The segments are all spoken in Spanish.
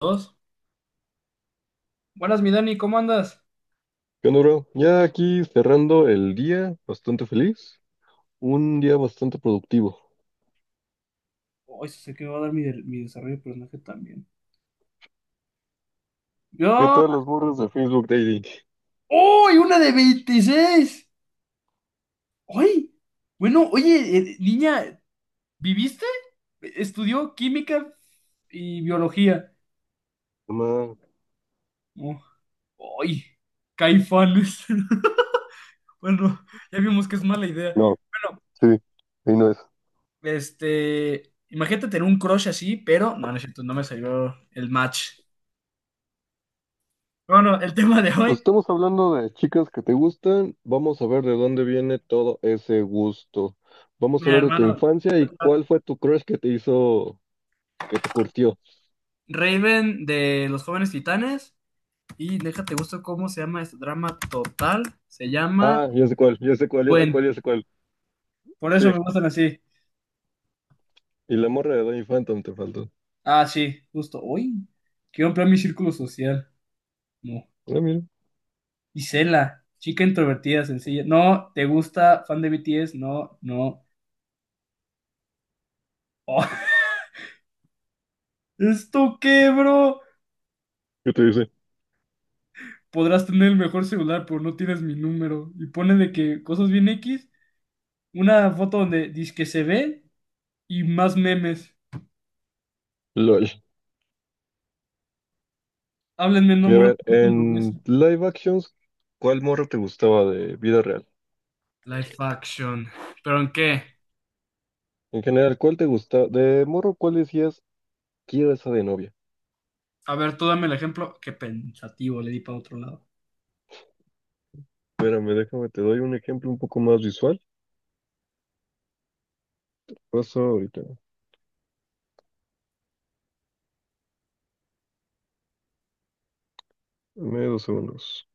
Dos. Buenas, mi Dani, ¿cómo andas? ¿Qué onda, bro? Ya aquí cerrando el día, bastante feliz, un día bastante productivo. Ay, sé que me va a dar mi desarrollo de personaje también. ¿Qué ¡Yo! tal los burros de Facebook Dating? ¡Uy! ¡Una de 26! ¡Ay! Bueno, oye, niña, ¿viviste? Estudió química y biología. Nomás- Oh, ¡ay! Caifanes. Bueno, ya vimos que es mala idea. No, Bueno, sí, ahí no es. Imagínate tener un crush así, pero no, no es cierto, no me salió el match. Bueno, el tema de Pues hoy, estamos hablando de chicas que te gustan, vamos a ver de dónde viene todo ese gusto. Vamos a mira, hablar de tu hermano, infancia y cuál fue tu crush que te hizo, que te curtió. Raven de Los Jóvenes Titanes. Y déjate gusto cómo se llama este drama total. Se llama Ah, ya sé cuál, ya sé cuál, ya sé Puente. cuál, ya sé cuál. Por Sí, eso me gustan así. y la morra de Danny Phantom te faltó. Ah, sí, justo. Uy, quiero ampliar mi círculo social. No. Ah, mira, Isela, chica introvertida, sencilla. No, ¿te gusta? ¿Fan de BTS? No, no. Oh, ¿esto qué, bro? ¿qué te dice? Podrás tener el mejor celular, pero no tienes mi número. Y pone de que cosas bien X. Una foto donde dice que se ve y más memes. LOL. Háblenme, no Y a muero ver, cuando en beso. live actions, ¿cuál morro te gustaba de vida real? Live action. ¿Pero en qué? En general, ¿cuál te gusta? De morro, ¿cuál decías, quiero esa de novia? A ver, tú dame el ejemplo. Qué pensativo, le di para otro lado. Espérame, déjame, te doy un ejemplo un poco más visual. Paso ahorita, dame 2 segundos.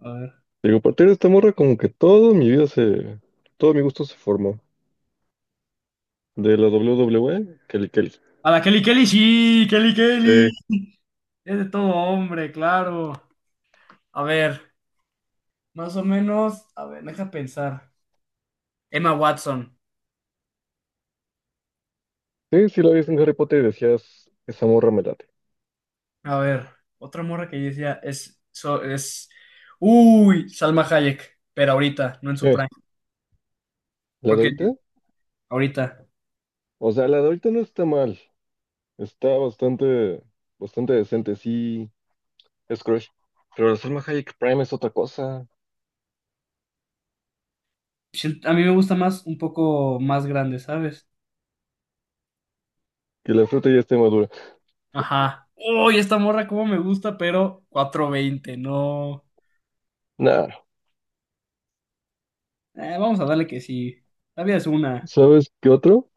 A ver. Digo, a partir de esta morra, como que todo mi vida se... Todo mi gusto se formó. De la WWE, Kelly Kelly. A la Kelly Kelly, sí, Kelly Kelly. Sí. Es de todo hombre, claro. A ver, más o menos. A ver, deja pensar. Emma Watson. Sí, sí la ves en Harry Potter y decías, esa morra me late. A ver, otra morra que yo decía es, es... Uy, Salma Hayek. Pero ahorita, no en su Sí. prime. ¿La de Porque ahorita? ahorita. O sea, la de ahorita no está mal. Está bastante, bastante decente, sí. Es crush. Pero la Salma Hayek Prime es otra cosa. A mí me gusta más, un poco más grande, ¿sabes? Que la fruta ya esté madura. Ajá. Uy, esta morra como me gusta, pero 420 no. Nah, Vamos a darle que sí. La vida es una, ¿sabes qué otro?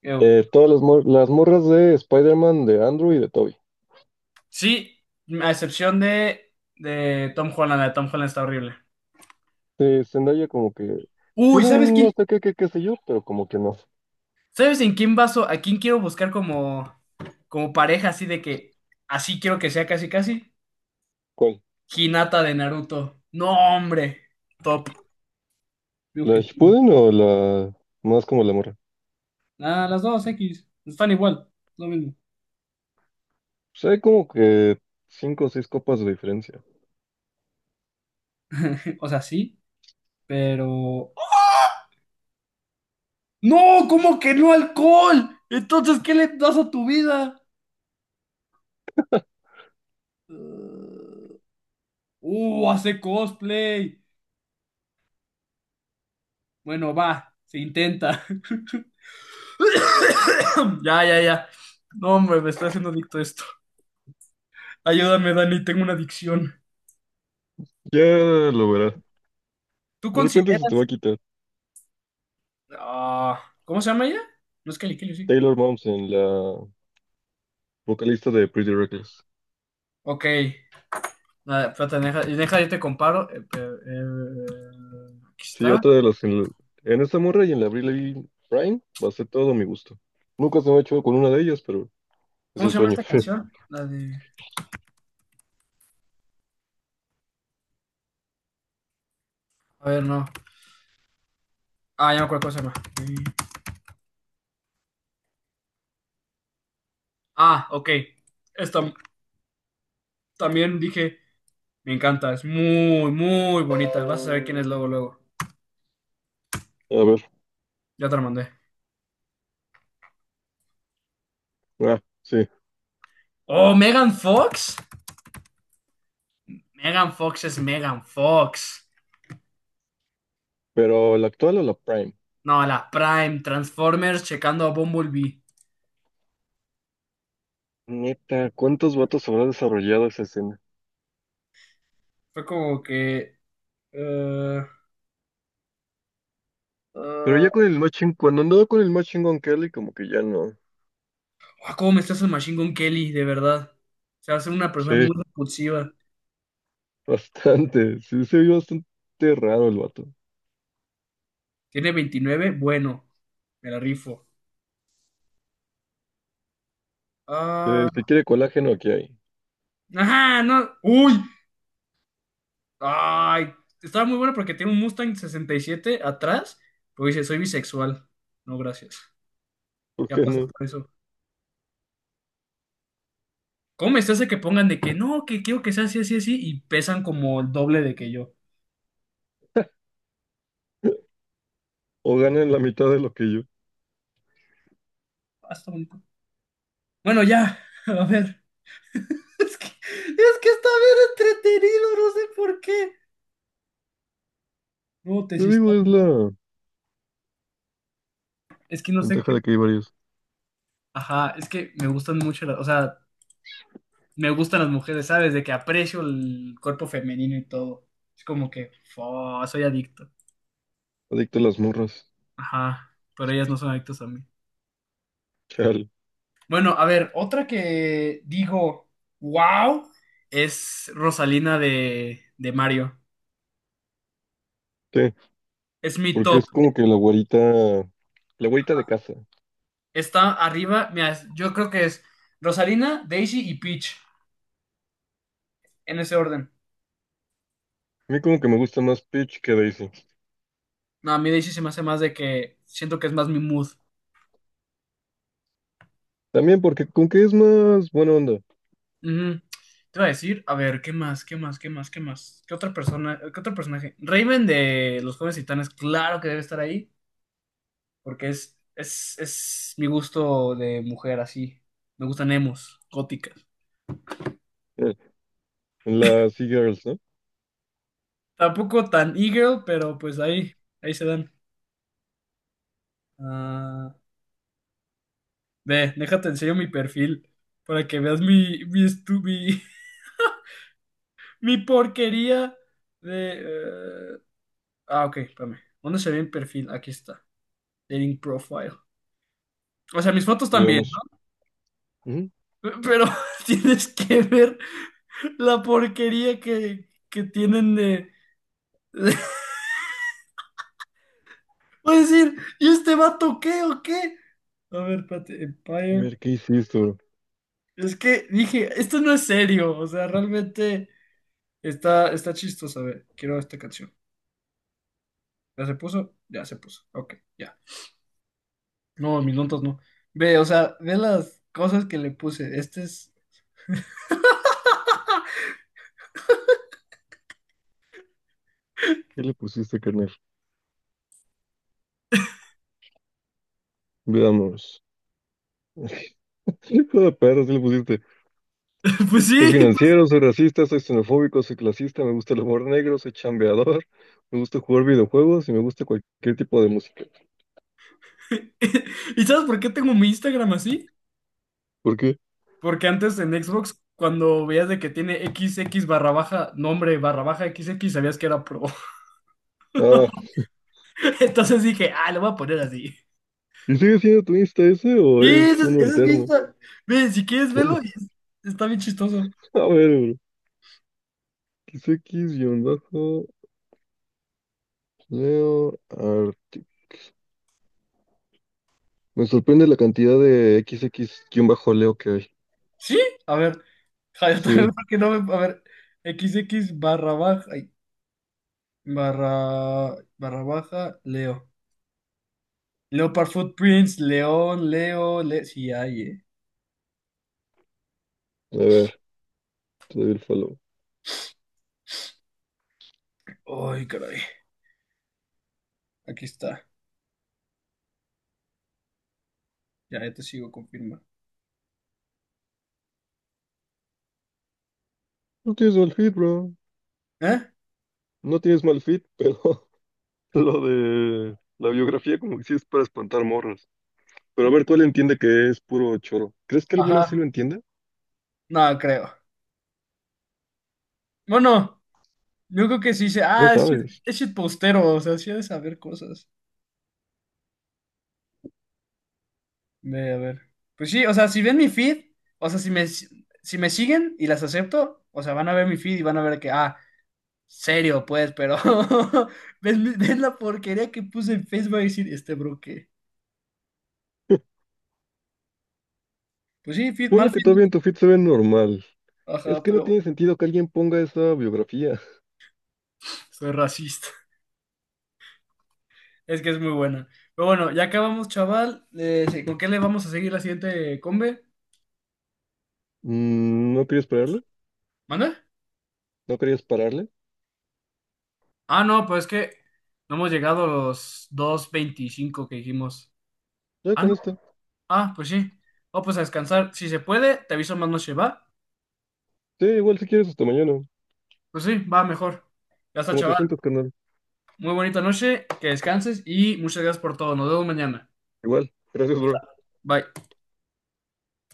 creo. Todas las morras de Spider-Man, de Andrew y de Toby. Sí, a excepción de Tom Holland. La de Tom Holland está horrible. De Zendaya como que Uy, tiene ¿sabes un no quién? sé qué sé yo, pero como que no. ¿Sabes en quién vaso? ¿A quién quiero buscar como pareja así de que así quiero que sea casi casi? ¿Cuál? Hinata de Naruto. No, hombre. Top. Mi ¿La objetivo. Shippuden o la más como la morra? Ah, las dos X. Están igual. Lo mismo. Pues hay como que cinco o seis copas de diferencia. O sea, sí, pero. No, ¿cómo que no alcohol? Entonces, ¿qué le das a tu vida? Hace cosplay. Bueno, va, se intenta. Ya, ya, ya. No, hombre, me estoy haciendo adicto a esto. Ayúdame, Dani, tengo una adicción. Ya lo verás. ¿Tú De repente se te va consideras? a quitar. Ah, ¿cómo se llama ella? No es Kelly Kelly, sí. Taylor Momsen, la vocalista de Pretty Reckless. Ok. Nada, espérate, deja, deja, yo te comparo. Aquí Sí, está. otra de las... En esta morra y en la Briley Prime va a ser todo mi gusto. Nunca se me ha hecho con una de ellas, pero es ¿Cómo se el llama sueño. esta canción? La de... A ver, no. Ah, ya me acuerdo cómo se llama. Sí. Ah, ok. Esta también dije, me encanta, es muy, muy bonita. Vas a saber quién es luego, luego. A ver, Ya te la mandé. ah, sí. Oh, Megan Fox. Megan Fox es Megan Fox. Pero la actual o la Prime. No, la Prime, Transformers checando a Bumblebee. Neta, ¿cuántos vatos habrá desarrollado esa escena? Fue como que... eh, Pero ya eh, con el matching, cuando andaba con el matching con Kelly, como que ya no. ¿Cómo me estás el Machine Gun Kelly? De verdad. Se hace una persona muy Sí, repulsiva. bastante. Sí, se vio bastante raro el vato. Tiene 29. Bueno, me la rifo. Si Ah, quiere colágeno, aquí hay. ajá, no. Uy, ay, estaba muy bueno porque tiene un Mustang 67 atrás, pero dice, soy bisexual. No, gracias. ¿Por Ya qué pasa no? por eso. ¿Cómo me hace que pongan de que no, que quiero que sea así, así, así, y pesan como el doble de que yo? O ganan la mitad de lo que yo. Ah, está bonito. Bueno, ya, a ver. Es que está bien entretenido, no sé por qué. No, te Yo hiciste- digo, es la Es que no sé ventaja qué. de que hay varios. Ajá, es que me gustan mucho las, o sea, me gustan las mujeres, ¿sabes? De que aprecio el cuerpo femenino y todo. Es como que, fo, soy adicto. Adicto a las morras. Ajá, pero ellas no son adictas a mí. Chale. Bueno, a ver, otra que digo, wow, es Rosalina de Mario. Sí, Es mi porque top. es como que la güerita de casa. A Está arriba, mira, yo creo que es Rosalina, Daisy y Peach, en ese orden. mí como que me gusta más Peach que Daisy. No, a mí Daisy se me hace más de que siento que es más mi mood. También porque con que es más buena onda. Ujú. Te iba a decir, a ver, ¿qué más? ¿Qué más? ¿Qué más? ¿Qué más? ¿Qué otra persona? ¿Qué otro personaje? Raven de Los Jóvenes Titanes, claro que debe estar ahí. Porque es mi gusto de mujer así. Me gustan emos, góticas. Eh, En las e-girls, ¿no? Tampoco tan e-girl, pero pues ahí se dan. Ah, ve, déjate enseño mi perfil para que veas mi, mi porquería de... eh, ah, ok, espérame. ¿Dónde se ve mi perfil? Aquí está. Dating profile. O sea, mis fotos también, Veamos. ¿no? Ujú. Pero tienes que ver la porquería que tienen de... Puedes decir, ¿y este vato qué o qué? A ver, espérate, A Empire. ver, ¿qué hiciste, bro? Es que dije, esto no es serio. O sea, realmente está chistoso. A ver, quiero esta canción. ¿Ya se puso? Ya se puso. Ok, ya. No, mis notas no. Ve, o sea, ve las cosas que le puse. Este es. ¿Qué le pusiste, carnal? Veamos. Hijo de perro, ¿qué le pusiste? Pues Soy sí. financiero, soy racista, soy xenofóbico, soy clasista, me gusta el humor negro, soy chambeador, me gusta jugar videojuegos y me gusta cualquier tipo de música. ¿Y sabes por qué tengo mi Instagram así? ¿Por qué? Porque antes en Xbox, cuando veías de que tiene XX barra baja, nombre barra baja XX, sabías que era pro. Ah, Entonces dije, ah, lo voy a poner así. ¿y sigue siendo tu Insta ese o Sí, es uno ese es bien alterno? sa- Ve, si quieres verlo, está bien chistoso. A ver, bro. XX-Leo Arctic. Me sorprende la cantidad de XX-Leo que hay. ¿Sí? A ver, ja, yo también Sí, porque no me... A ver, XX barra baja... ay, barra... barra baja, Leo. Leopard Footprints, León, Leo, Le... Sí, hay, a ver, te doy el follow. Ay, caray. Aquí está. Ya te sigo, confirma. No tienes mal fit, bro. ¿Eh? No tienes mal fit, pero lo de la biografía como que sí es para espantar morros. Pero a ver, ¿cuál entiende que es puro choro? ¿Crees que alguna sí Ajá. lo entienda? No, creo. Bueno, yo creo que sí. No sabes. Es postero, o sea, sí ha de saber cosas. Ve, a ver. Pues sí, o sea, si ven mi feed, o sea, si me siguen y las acepto, o sea, van a ver mi feed y van a ver que, ah, serio, pues, pero ves, ves la porquería que puse en Facebook a decir, este bro, ¿qué? Pues sí, mal Ponle que feed. No todavía te- en tu fit se ve normal. Es Ajá, que no pero bueno, tiene sentido que alguien ponga esa biografía. soy racista. Es que es muy buena. Pero bueno, ya acabamos, chaval. Sí, ¿con qué le vamos a seguir la siguiente combe? ¿No querías pararle? ¿Manda? ¿No querías pararle? Ah, no, pues es que no hemos llegado a los 2:25 que dijimos. Ya Ah, con esta. Ah, pues sí. Oh, pues a descansar. Si se puede, te aviso más noche, ¿va? Sí, igual si quieres hasta mañana. Pues sí, va mejor. Ya está, Como te chaval. sientes, carnal. Muy bonita noche, que descanses y muchas gracias por todo. Nos vemos mañana. Igual. Gracias, bro. Bye.